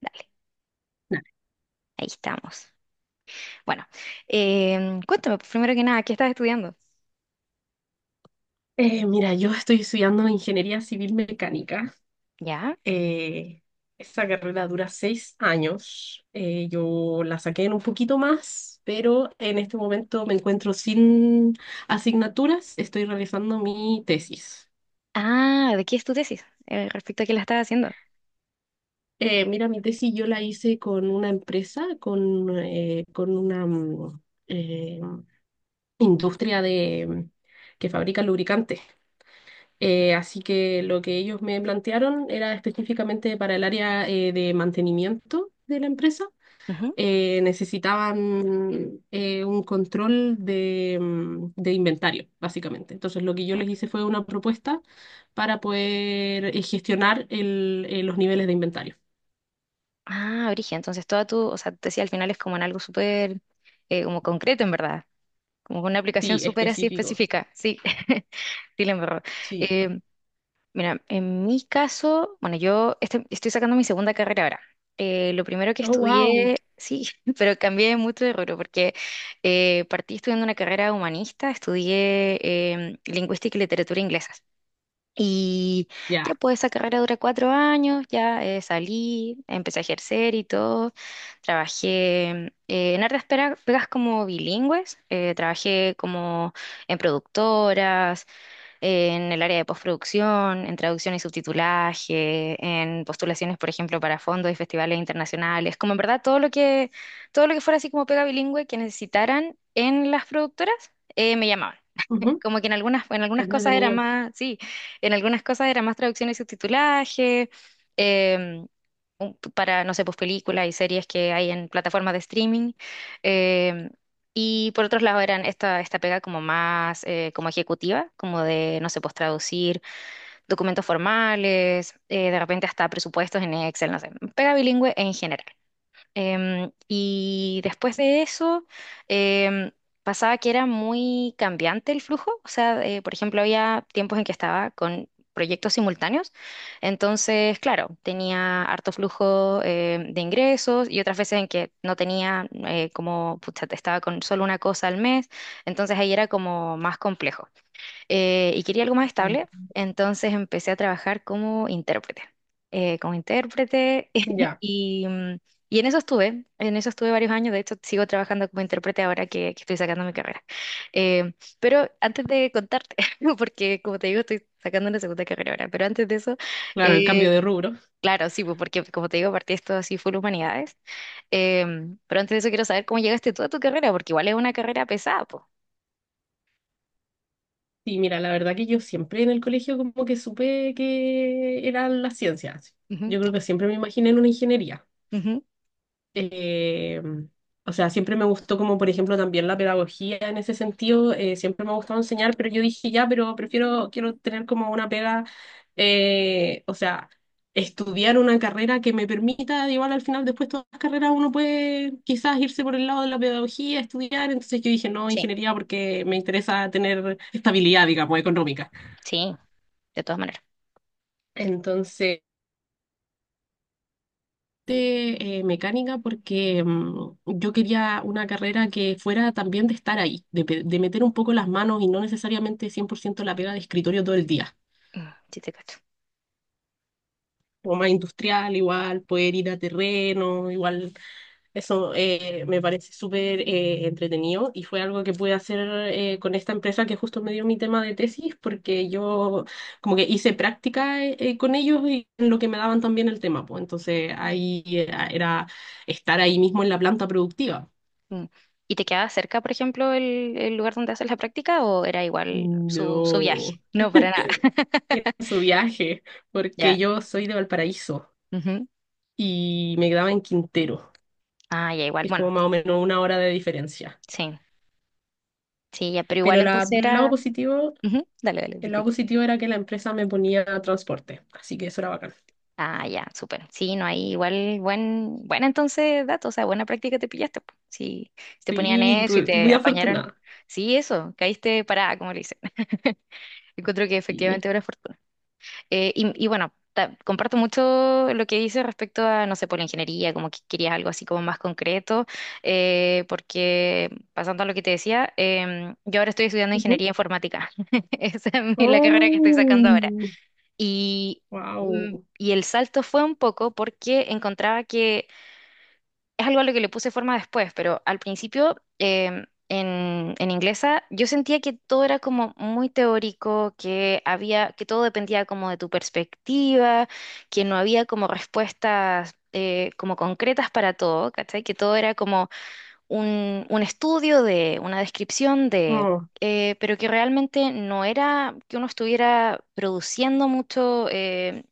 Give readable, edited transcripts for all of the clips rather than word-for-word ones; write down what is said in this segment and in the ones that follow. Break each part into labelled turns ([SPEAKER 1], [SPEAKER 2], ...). [SPEAKER 1] Dale, ahí estamos. Bueno, cuéntame, pues, primero que nada, ¿qué estás estudiando?
[SPEAKER 2] Mira, yo estoy estudiando ingeniería civil mecánica.
[SPEAKER 1] ¿Ya?
[SPEAKER 2] Eh, Esa carrera dura 6 años. Yo la saqué en un poquito más, pero en este momento me encuentro sin asignaturas. Estoy realizando mi tesis.
[SPEAKER 1] Ah, ¿de qué es tu tesis? Respecto a qué la estás haciendo.
[SPEAKER 2] Mira, mi tesis yo la hice con una empresa, con una eh, industria que fabrica lubricantes. Así que lo que ellos me plantearon era específicamente para el área de mantenimiento de la empresa.
[SPEAKER 1] Ujú.
[SPEAKER 2] Necesitaban un control de inventario, básicamente. Entonces, lo que yo les hice fue una propuesta para poder gestionar los niveles de inventario.
[SPEAKER 1] Ah, Brigia, entonces toda tu, o sea, tu tesis al final es como en algo súper, como concreto en verdad, como con una aplicación
[SPEAKER 2] Sí,
[SPEAKER 1] súper así
[SPEAKER 2] específico.
[SPEAKER 1] específica, sí, dile en verdad.
[SPEAKER 2] Sí.
[SPEAKER 1] Em, Mira, en mi caso, bueno, yo estoy sacando mi segunda carrera ahora. Lo primero que
[SPEAKER 2] Oh, wow.
[SPEAKER 1] estudié, sí, pero cambié mucho de rubro porque partí estudiando una carrera humanista, estudié lingüística y literatura inglesas. Y ya
[SPEAKER 2] Ya.
[SPEAKER 1] pues esa carrera dura cuatro años, ya salí, empecé a ejercer y todo. Trabajé en hartas pegas como bilingües, trabajé como en productoras, en el área de postproducción, en traducción y subtitulaje, en postulaciones, por ejemplo, para fondos y festivales internacionales, como en verdad todo lo que fuera así como pega bilingüe que necesitaran en las productoras, me llamaban
[SPEAKER 2] Ujú.
[SPEAKER 1] como que en
[SPEAKER 2] Qué
[SPEAKER 1] algunas cosas era
[SPEAKER 2] entretenido.
[SPEAKER 1] más, sí, en algunas cosas era más traducción y subtitulaje, em, un- para, no sé, pues películas y series que hay en plataformas de streaming. em, y por otros lados eran esta pega como más como ejecutiva, como de, no sé, pues traducir documentos formales, de repente hasta presupuestos en Excel, no sé, pega bilingüe en general. Y después de eso, em, pasaba que era muy cambiante el flujo. O sea, por ejemplo, había tiempos en que estaba con proyectos simultáneos. Entonces, claro, tenía harto flujo de ingresos y otras veces en que no tenía, como, pucha, estaba con solo una cosa al mes. Entonces ahí era como más complejo y quería algo más
[SPEAKER 2] Mm.
[SPEAKER 1] estable, entonces empecé a trabajar como intérprete
[SPEAKER 2] Ya.
[SPEAKER 1] y, mm, y en eso estuve varios años, de hecho sigo trabajando como intérprete ahora que estoy sacando mi carrera. Eh, pero antes de contarte, porque como te digo, estoy sacando una segunda carrera ahora, pero antes de eso,
[SPEAKER 2] Claro, el
[SPEAKER 1] eh,
[SPEAKER 2] cambio de rubro.
[SPEAKER 1] claro, sí, pues, porque como te digo, partí esto así full humanidades. Pero antes de eso quiero saber cómo llegaste tú a tu carrera, porque igual es una carrera pesada, pues.
[SPEAKER 2] Sí, mira, la verdad que yo siempre en el colegio como que supe que eran las ciencias.
[SPEAKER 1] Ujú,
[SPEAKER 2] Yo creo que siempre me imaginé en una ingeniería.
[SPEAKER 1] ujú.
[SPEAKER 2] Eh, o sea, siempre me gustó como, por ejemplo, también la pedagogía en ese sentido. Siempre me ha gustado enseñar, pero yo dije, ya, pero prefiero, quiero tener como una pega, o sea, estudiar una carrera que me permita, igual al final, después todas las carreras uno puede quizás irse por el lado de la pedagogía, estudiar. Entonces yo dije, no,
[SPEAKER 1] Sí,
[SPEAKER 2] ingeniería porque me interesa tener estabilidad, digamos, económica.
[SPEAKER 1] sí, de todas maneras.
[SPEAKER 2] Entonces, mecánica porque yo quería una carrera que fuera también de estar ahí, de meter un poco las manos y no necesariamente 100% la pega de escritorio todo el día.
[SPEAKER 1] Mm, sí te cacho.
[SPEAKER 2] Como más industrial, igual, poder ir a terreno, igual. Eso me parece súper entretenido y fue algo que pude hacer con esta empresa que justo me dio mi tema de tesis porque yo como que hice práctica con ellos y en lo que me daban también el tema, pues entonces ahí era estar ahí mismo en la planta productiva.
[SPEAKER 1] Mm. ¿Y te quedaba cerca, por ejemplo, el lugar donde haces la práctica o era igual su
[SPEAKER 2] No,
[SPEAKER 1] viaje? No, para nada.
[SPEAKER 2] en su viaje, porque
[SPEAKER 1] Ya.
[SPEAKER 2] yo soy de Valparaíso
[SPEAKER 1] Ujú.
[SPEAKER 2] y me quedaba en Quintero,
[SPEAKER 1] Ah, ya, igual.
[SPEAKER 2] que es
[SPEAKER 1] Bueno,
[SPEAKER 2] como más o menos 1 hora de diferencia.
[SPEAKER 1] sí, sí, ya, pero igual
[SPEAKER 2] Pero la-
[SPEAKER 1] entonces
[SPEAKER 2] el lado
[SPEAKER 1] era...
[SPEAKER 2] positivo
[SPEAKER 1] Ujú. Dale, dale,
[SPEAKER 2] El lado
[SPEAKER 1] disculpa.
[SPEAKER 2] positivo era que la empresa me ponía transporte, así que eso era bacán.
[SPEAKER 1] Ah, ya, súper. Sí, no, hay igual buena entonces datos, o sea, buena práctica te pillaste. Po. Sí, si te ponían
[SPEAKER 2] Sí,
[SPEAKER 1] eso y te
[SPEAKER 2] muy
[SPEAKER 1] apañaron.
[SPEAKER 2] afortunada.
[SPEAKER 1] Sí, eso, caíste parada, como le dicen. Encuentro que
[SPEAKER 2] Sí.
[SPEAKER 1] efectivamente era fortuna. Y bueno, ta- comparto mucho lo que dices respecto a, no sé, por la ingeniería, como que querías algo así como más concreto, porque pasando a lo que te decía, yo ahora estoy estudiando
[SPEAKER 2] Ujú.
[SPEAKER 1] ingeniería informática. Esa es mi- la carrera que estoy sacando ahora.
[SPEAKER 2] Oh,
[SPEAKER 1] Y, mm,
[SPEAKER 2] wow.
[SPEAKER 1] y el salto fue un poco porque encontraba que es algo a lo que le puse forma después, pero al principio en inglesa yo sentía que todo era como muy teórico, que había, que todo dependía como de tu perspectiva, que no había como respuestas como concretas para todo, ¿cachai? Que todo era como un estudio de, una descripción de...
[SPEAKER 2] Oh,
[SPEAKER 1] pero que realmente no era que uno estuviera produciendo mucho,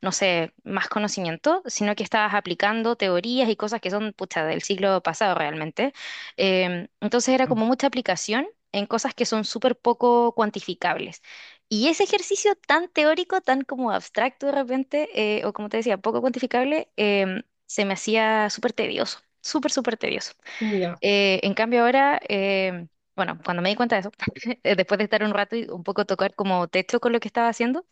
[SPEAKER 1] no sé, más conocimiento, sino que estabas aplicando teorías y cosas que son, pucha, del siglo pasado realmente. Entonces era como mucha aplicación en cosas que son súper poco cuantificables. Y ese ejercicio tan teórico, tan como abstracto de repente, o como te decía, poco cuantificable, se me hacía súper tedioso, súper, súper tedioso.
[SPEAKER 2] ya.
[SPEAKER 1] En cambio ahora... Bueno, cuando me di cuenta de eso, después de estar un rato y un poco tocar como techo con lo que estaba haciendo,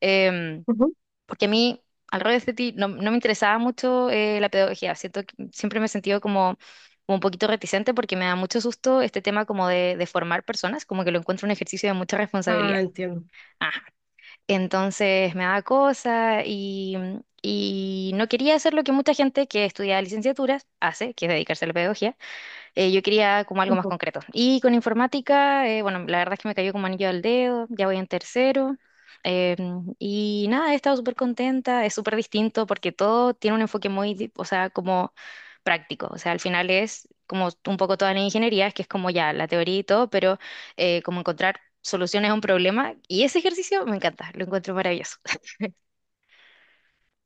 [SPEAKER 1] em,
[SPEAKER 2] Ujú.
[SPEAKER 1] porque a mí, al revés de ti, no me interesaba mucho la pedagogía. Siento que siempre me he sentido como, como un poquito reticente porque me da mucho susto este tema como de formar personas, como que lo encuentro un ejercicio de mucha responsabilidad.
[SPEAKER 2] Ah, entiendo.
[SPEAKER 1] Ah, entonces me da cosa y no quería hacer lo que mucha gente que estudia licenciaturas hace, que es dedicarse a la pedagogía. Yo quería como algo más
[SPEAKER 2] Ujú.
[SPEAKER 1] concreto. Y con informática, bueno, la verdad es que me cayó como anillo al dedo, ya voy en tercero. Eh, y nada, he estado súper contenta, es súper distinto porque todo tiene un enfoque muy, di- o sea, como práctico. O sea, al final es como un poco toda la ingeniería, es que es como ya la teoría y todo, pero como encontrar soluciones a un problema. Y ese ejercicio me encanta, lo encuentro maravilloso.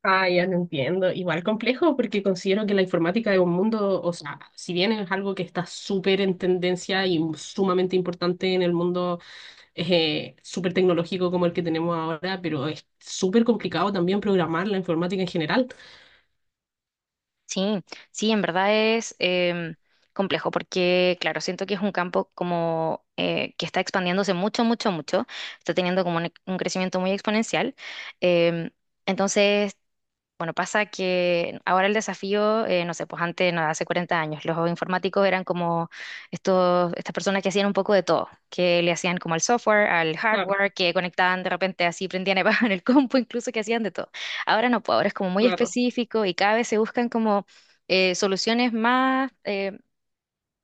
[SPEAKER 2] Ah, ya te entiendo. Igual complejo porque considero que la informática es un mundo, o sea, si bien es algo que está súper en tendencia y sumamente importante en el mundo súper tecnológico como el que tenemos ahora, pero es súper complicado también programar la informática en general.
[SPEAKER 1] Sí, sí, en verdad es complejo porque, claro, siento que es un campo como que está expandiéndose mucho, mucho, mucho, está teniendo como un crecimiento muy exponencial. Em, entonces, bueno, pasa que ahora el desafío, no sé, pues antes, no, hace 40 años, los informáticos eran como estas personas que hacían un poco de todo, que le hacían como al software, al hardware, que conectaban de repente así, prendían y bajaban el compu, incluso que hacían de todo. Ahora no, pues ahora es como muy
[SPEAKER 2] Claro,
[SPEAKER 1] específico y cada vez se buscan como soluciones más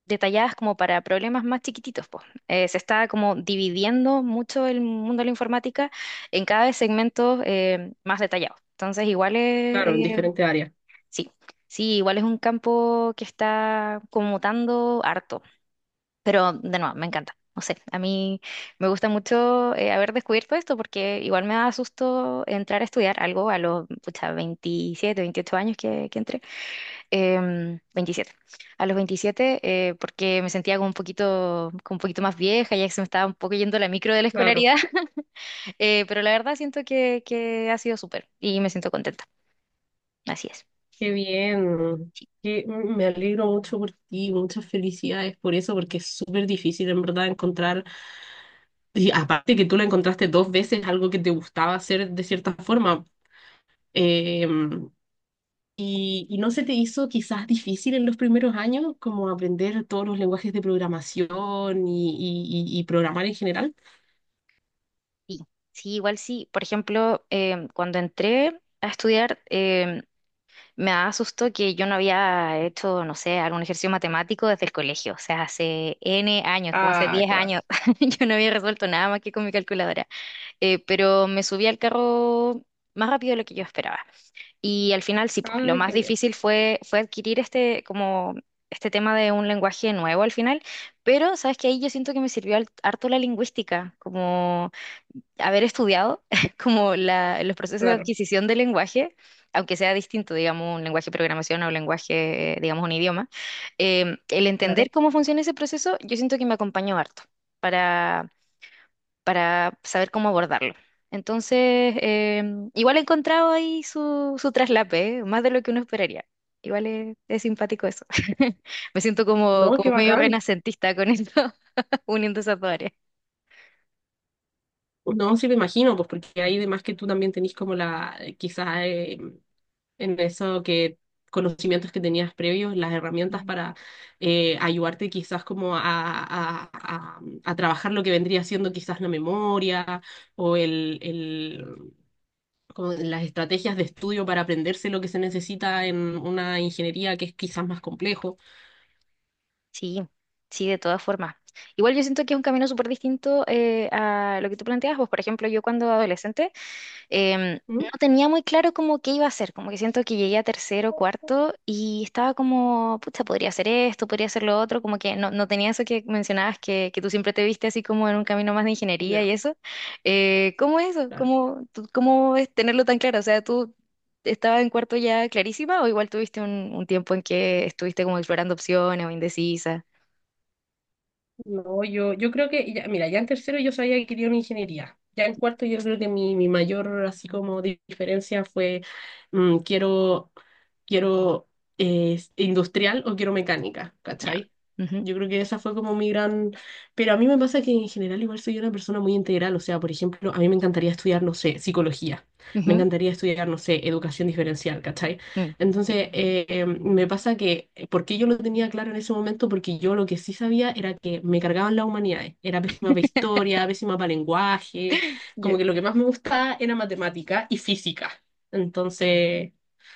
[SPEAKER 1] detalladas como para problemas más chiquititos, pues. Se está como dividiendo mucho el mundo de la informática en cada vez segmentos más detallados. Entonces, igual
[SPEAKER 2] claro, en
[SPEAKER 1] es,
[SPEAKER 2] diferentes áreas.
[SPEAKER 1] sí, sí, igual es un campo que está como mutando harto, pero de nuevo, me encanta. No sé, a mí me gusta mucho haber descubierto esto porque igual me da susto entrar a estudiar algo a los pucha, 27, 28 años que entré. Em, 27. A los 27, porque me sentía como un poquito más vieja, ya que se me estaba un poco yendo la micro de la
[SPEAKER 2] Claro,
[SPEAKER 1] escolaridad, pero la verdad siento que ha sido súper y me siento contenta. Así es.
[SPEAKER 2] qué bien. Me alegro mucho por ti, muchas felicidades por eso, porque es súper difícil en verdad encontrar, y aparte que tú lo encontraste 2 veces, algo que te gustaba hacer de cierta forma. Eh, y no se te hizo quizás difícil en los primeros años, como aprender todos los lenguajes de programación y programar en general.
[SPEAKER 1] Sí, sí, igual sí. Por ejemplo, cuando entré a estudiar, me asustó que yo no había hecho, no sé, algún ejercicio matemático desde el colegio. O sea, hace N años, como hace
[SPEAKER 2] Ah,
[SPEAKER 1] 10
[SPEAKER 2] claro.
[SPEAKER 1] años, yo no había resuelto nada más que con mi calculadora. Pero me subí al carro más rápido de lo que yo esperaba. Y al final, sí, pues
[SPEAKER 2] Ah,
[SPEAKER 1] lo más
[SPEAKER 2] qué bien.
[SPEAKER 1] difícil fue adquirir este, como, este tema de un lenguaje nuevo al final. Pero, ¿sabes qué? Ahí yo siento que me sirvió al- harto la lingüística, como haber estudiado como la- los procesos de
[SPEAKER 2] Claro,
[SPEAKER 1] adquisición del lenguaje, aunque sea distinto, digamos, un lenguaje de programación o un lenguaje, digamos, un idioma, el entender
[SPEAKER 2] claro.
[SPEAKER 1] cómo funciona ese proceso, yo siento que me acompañó harto para, para saber cómo abordarlo. Entonces, igual he encontrado ahí su traslape, ¿eh? Más de lo que uno esperaría. Igual es simpático eso. Me siento como,
[SPEAKER 2] No, qué
[SPEAKER 1] como medio
[SPEAKER 2] bacán.
[SPEAKER 1] renacentista con esto, uniendo esas dos áreas.
[SPEAKER 2] Pues no, sí me imagino, pues porque ahí además que tú también tenés como la, quizás en eso que conocimientos que tenías previos, las herramientas para ayudarte quizás como a trabajar lo que vendría siendo quizás la memoria o como las estrategias de estudio para aprenderse lo que se necesita en una ingeniería que es quizás más complejo.
[SPEAKER 1] Sí, sí, de todas formas. Igual yo siento que es un camino súper distinto a lo que tú planteas. Pues, por ejemplo, yo cuando adolescente
[SPEAKER 2] ¿Mm?
[SPEAKER 1] no tenía muy claro como qué iba a hacer. Como que siento que llegué a tercero, cuarto y estaba como, pucha, podría hacer esto, podría hacer lo otro. Como que no, no tenía eso que mencionabas, que tú siempre te viste así como en un camino más de ingeniería
[SPEAKER 2] Ya,
[SPEAKER 1] y eso. ¿Cómo es eso?
[SPEAKER 2] claro.
[SPEAKER 1] ¿Cómo, tú- cómo es tenerlo tan claro? O sea, ¿tú estabas en cuarto ya clarísima o igual tuviste un tiempo en que estuviste como explorando opciones o indecisa?
[SPEAKER 2] No, yo creo que, mira, ya en tercero yo sabía que quería una ingeniería. Ya en cuarto yo creo que mi mayor así como diferencia fue mm, quiero, quiero industrial o quiero mecánica,
[SPEAKER 1] Ya.
[SPEAKER 2] ¿cachai?
[SPEAKER 1] Ujú,
[SPEAKER 2] Yo creo que esa fue como mi gran... Pero a mí me pasa que en general igual soy una persona muy integral. O sea, por ejemplo, a mí me encantaría estudiar, no sé, psicología. Me
[SPEAKER 1] ujú,
[SPEAKER 2] encantaría estudiar, no sé, educación diferencial, ¿cachai?
[SPEAKER 1] mm, sí.
[SPEAKER 2] Entonces, me pasa que, ¿por qué yo lo tenía claro en ese momento? Porque yo lo que sí sabía era que me cargaban las humanidades. Era pésima para historia, pésima para lenguaje. Como
[SPEAKER 1] Ya.
[SPEAKER 2] que lo que más me gustaba era matemática y física. Entonces,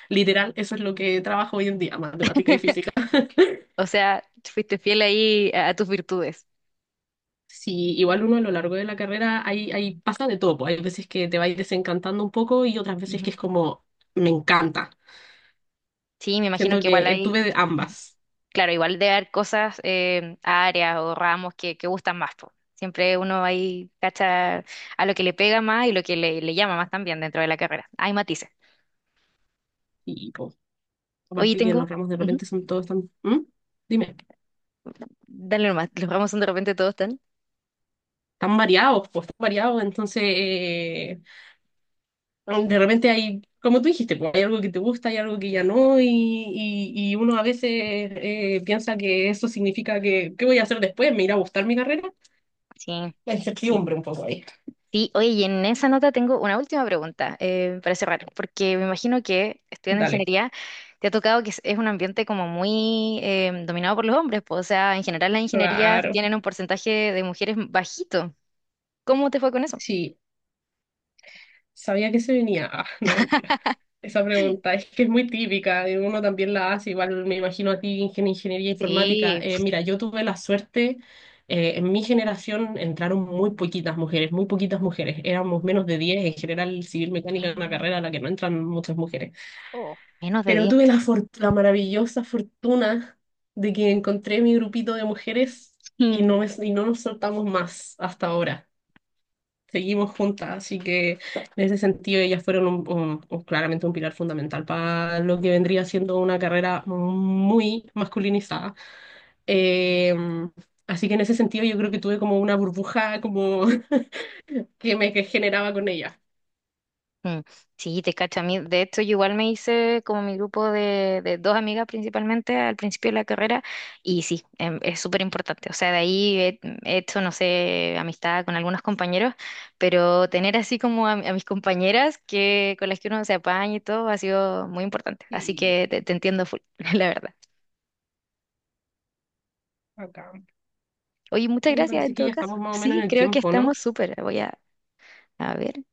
[SPEAKER 2] literal, eso es lo que trabajo hoy en día, matemática y física.
[SPEAKER 1] O sea, fuiste fiel ahí a tus virtudes.
[SPEAKER 2] Sí, igual uno a lo largo de la carrera pasa de todo. Pues, hay veces que te vais desencantando un poco y otras veces que
[SPEAKER 1] Ujú.
[SPEAKER 2] es como, me encanta.
[SPEAKER 1] Sí, me imagino
[SPEAKER 2] Siento
[SPEAKER 1] que igual
[SPEAKER 2] que
[SPEAKER 1] hay,
[SPEAKER 2] tuve de
[SPEAKER 1] ujú,
[SPEAKER 2] ambas.
[SPEAKER 1] claro, igual debe haber cosas, áreas o ramos que gustan más. Po. Siempre uno ahí cacha a lo que le pega más y lo que le llama más también dentro de la carrera. Hay matices.
[SPEAKER 2] Y, pues,
[SPEAKER 1] Oye,
[SPEAKER 2] aparte que los
[SPEAKER 1] tengo,
[SPEAKER 2] ramos de
[SPEAKER 1] ujú,
[SPEAKER 2] repente son todos tan... ¿Mm? Dime,
[SPEAKER 1] dale nomás, los ramos son de repente todos tan.
[SPEAKER 2] tan variados, pues tan variados. Entonces, de repente hay, como tú dijiste, pues, hay algo que te gusta, hay algo que ya no, y uno a veces piensa que eso significa ¿qué voy a hacer después? ¿Me irá a gustar mi carrera?
[SPEAKER 1] Sí,
[SPEAKER 2] La
[SPEAKER 1] sí.
[SPEAKER 2] incertidumbre un poco ahí.
[SPEAKER 1] Sí, oye, y en esa nota tengo una última pregunta para cerrar, porque me imagino que estudiando
[SPEAKER 2] Dale.
[SPEAKER 1] ingeniería te ha tocado que es un ambiente como muy dominado por los hombres, pues, o sea, en general las ingenierías
[SPEAKER 2] Claro.
[SPEAKER 1] tienen un porcentaje de mujeres bajito. ¿Cómo te fue con eso?
[SPEAKER 2] Sí. Sabía que se venía. Ah, no, mentira. Esa pregunta es que es muy típica, y uno también la hace, igual me imagino a ti, ingeniería informática.
[SPEAKER 1] Sí.
[SPEAKER 2] Mira, yo tuve la suerte, en mi generación entraron muy poquitas mujeres, éramos menos de 10. En general civil mecánica es una carrera a la que no entran muchas mujeres,
[SPEAKER 1] Oh. Menos de
[SPEAKER 2] pero
[SPEAKER 1] diez.
[SPEAKER 2] tuve la maravillosa fortuna de que encontré mi grupito de mujeres y y no nos soltamos más hasta ahora, seguimos juntas, así que en ese sentido ellas fueron claramente un pilar fundamental para lo que vendría siendo una carrera muy masculinizada. Eh, Así que en ese sentido yo creo que tuve como una burbuja como que me que generaba con ellas.
[SPEAKER 1] Mm, sí, te cacho a mí. De hecho, yo igual me hice como mi grupo de dos amigas principalmente al principio de la carrera y sí, es súper importante. O sea, de ahí he hecho, no sé, amistad con algunos compañeros, pero tener así como a mis compañeras que, con las que uno se apaña y todo ha sido muy importante. Así
[SPEAKER 2] Y
[SPEAKER 1] que te entiendo full, la verdad.
[SPEAKER 2] acá,
[SPEAKER 1] Oye, muchas
[SPEAKER 2] bueno,
[SPEAKER 1] gracias en
[SPEAKER 2] parece que
[SPEAKER 1] todo
[SPEAKER 2] ya
[SPEAKER 1] caso.
[SPEAKER 2] estamos más o menos
[SPEAKER 1] Sí,
[SPEAKER 2] en el
[SPEAKER 1] creo que
[SPEAKER 2] tiempo, ¿no?
[SPEAKER 1] estamos súper. Voy a ver.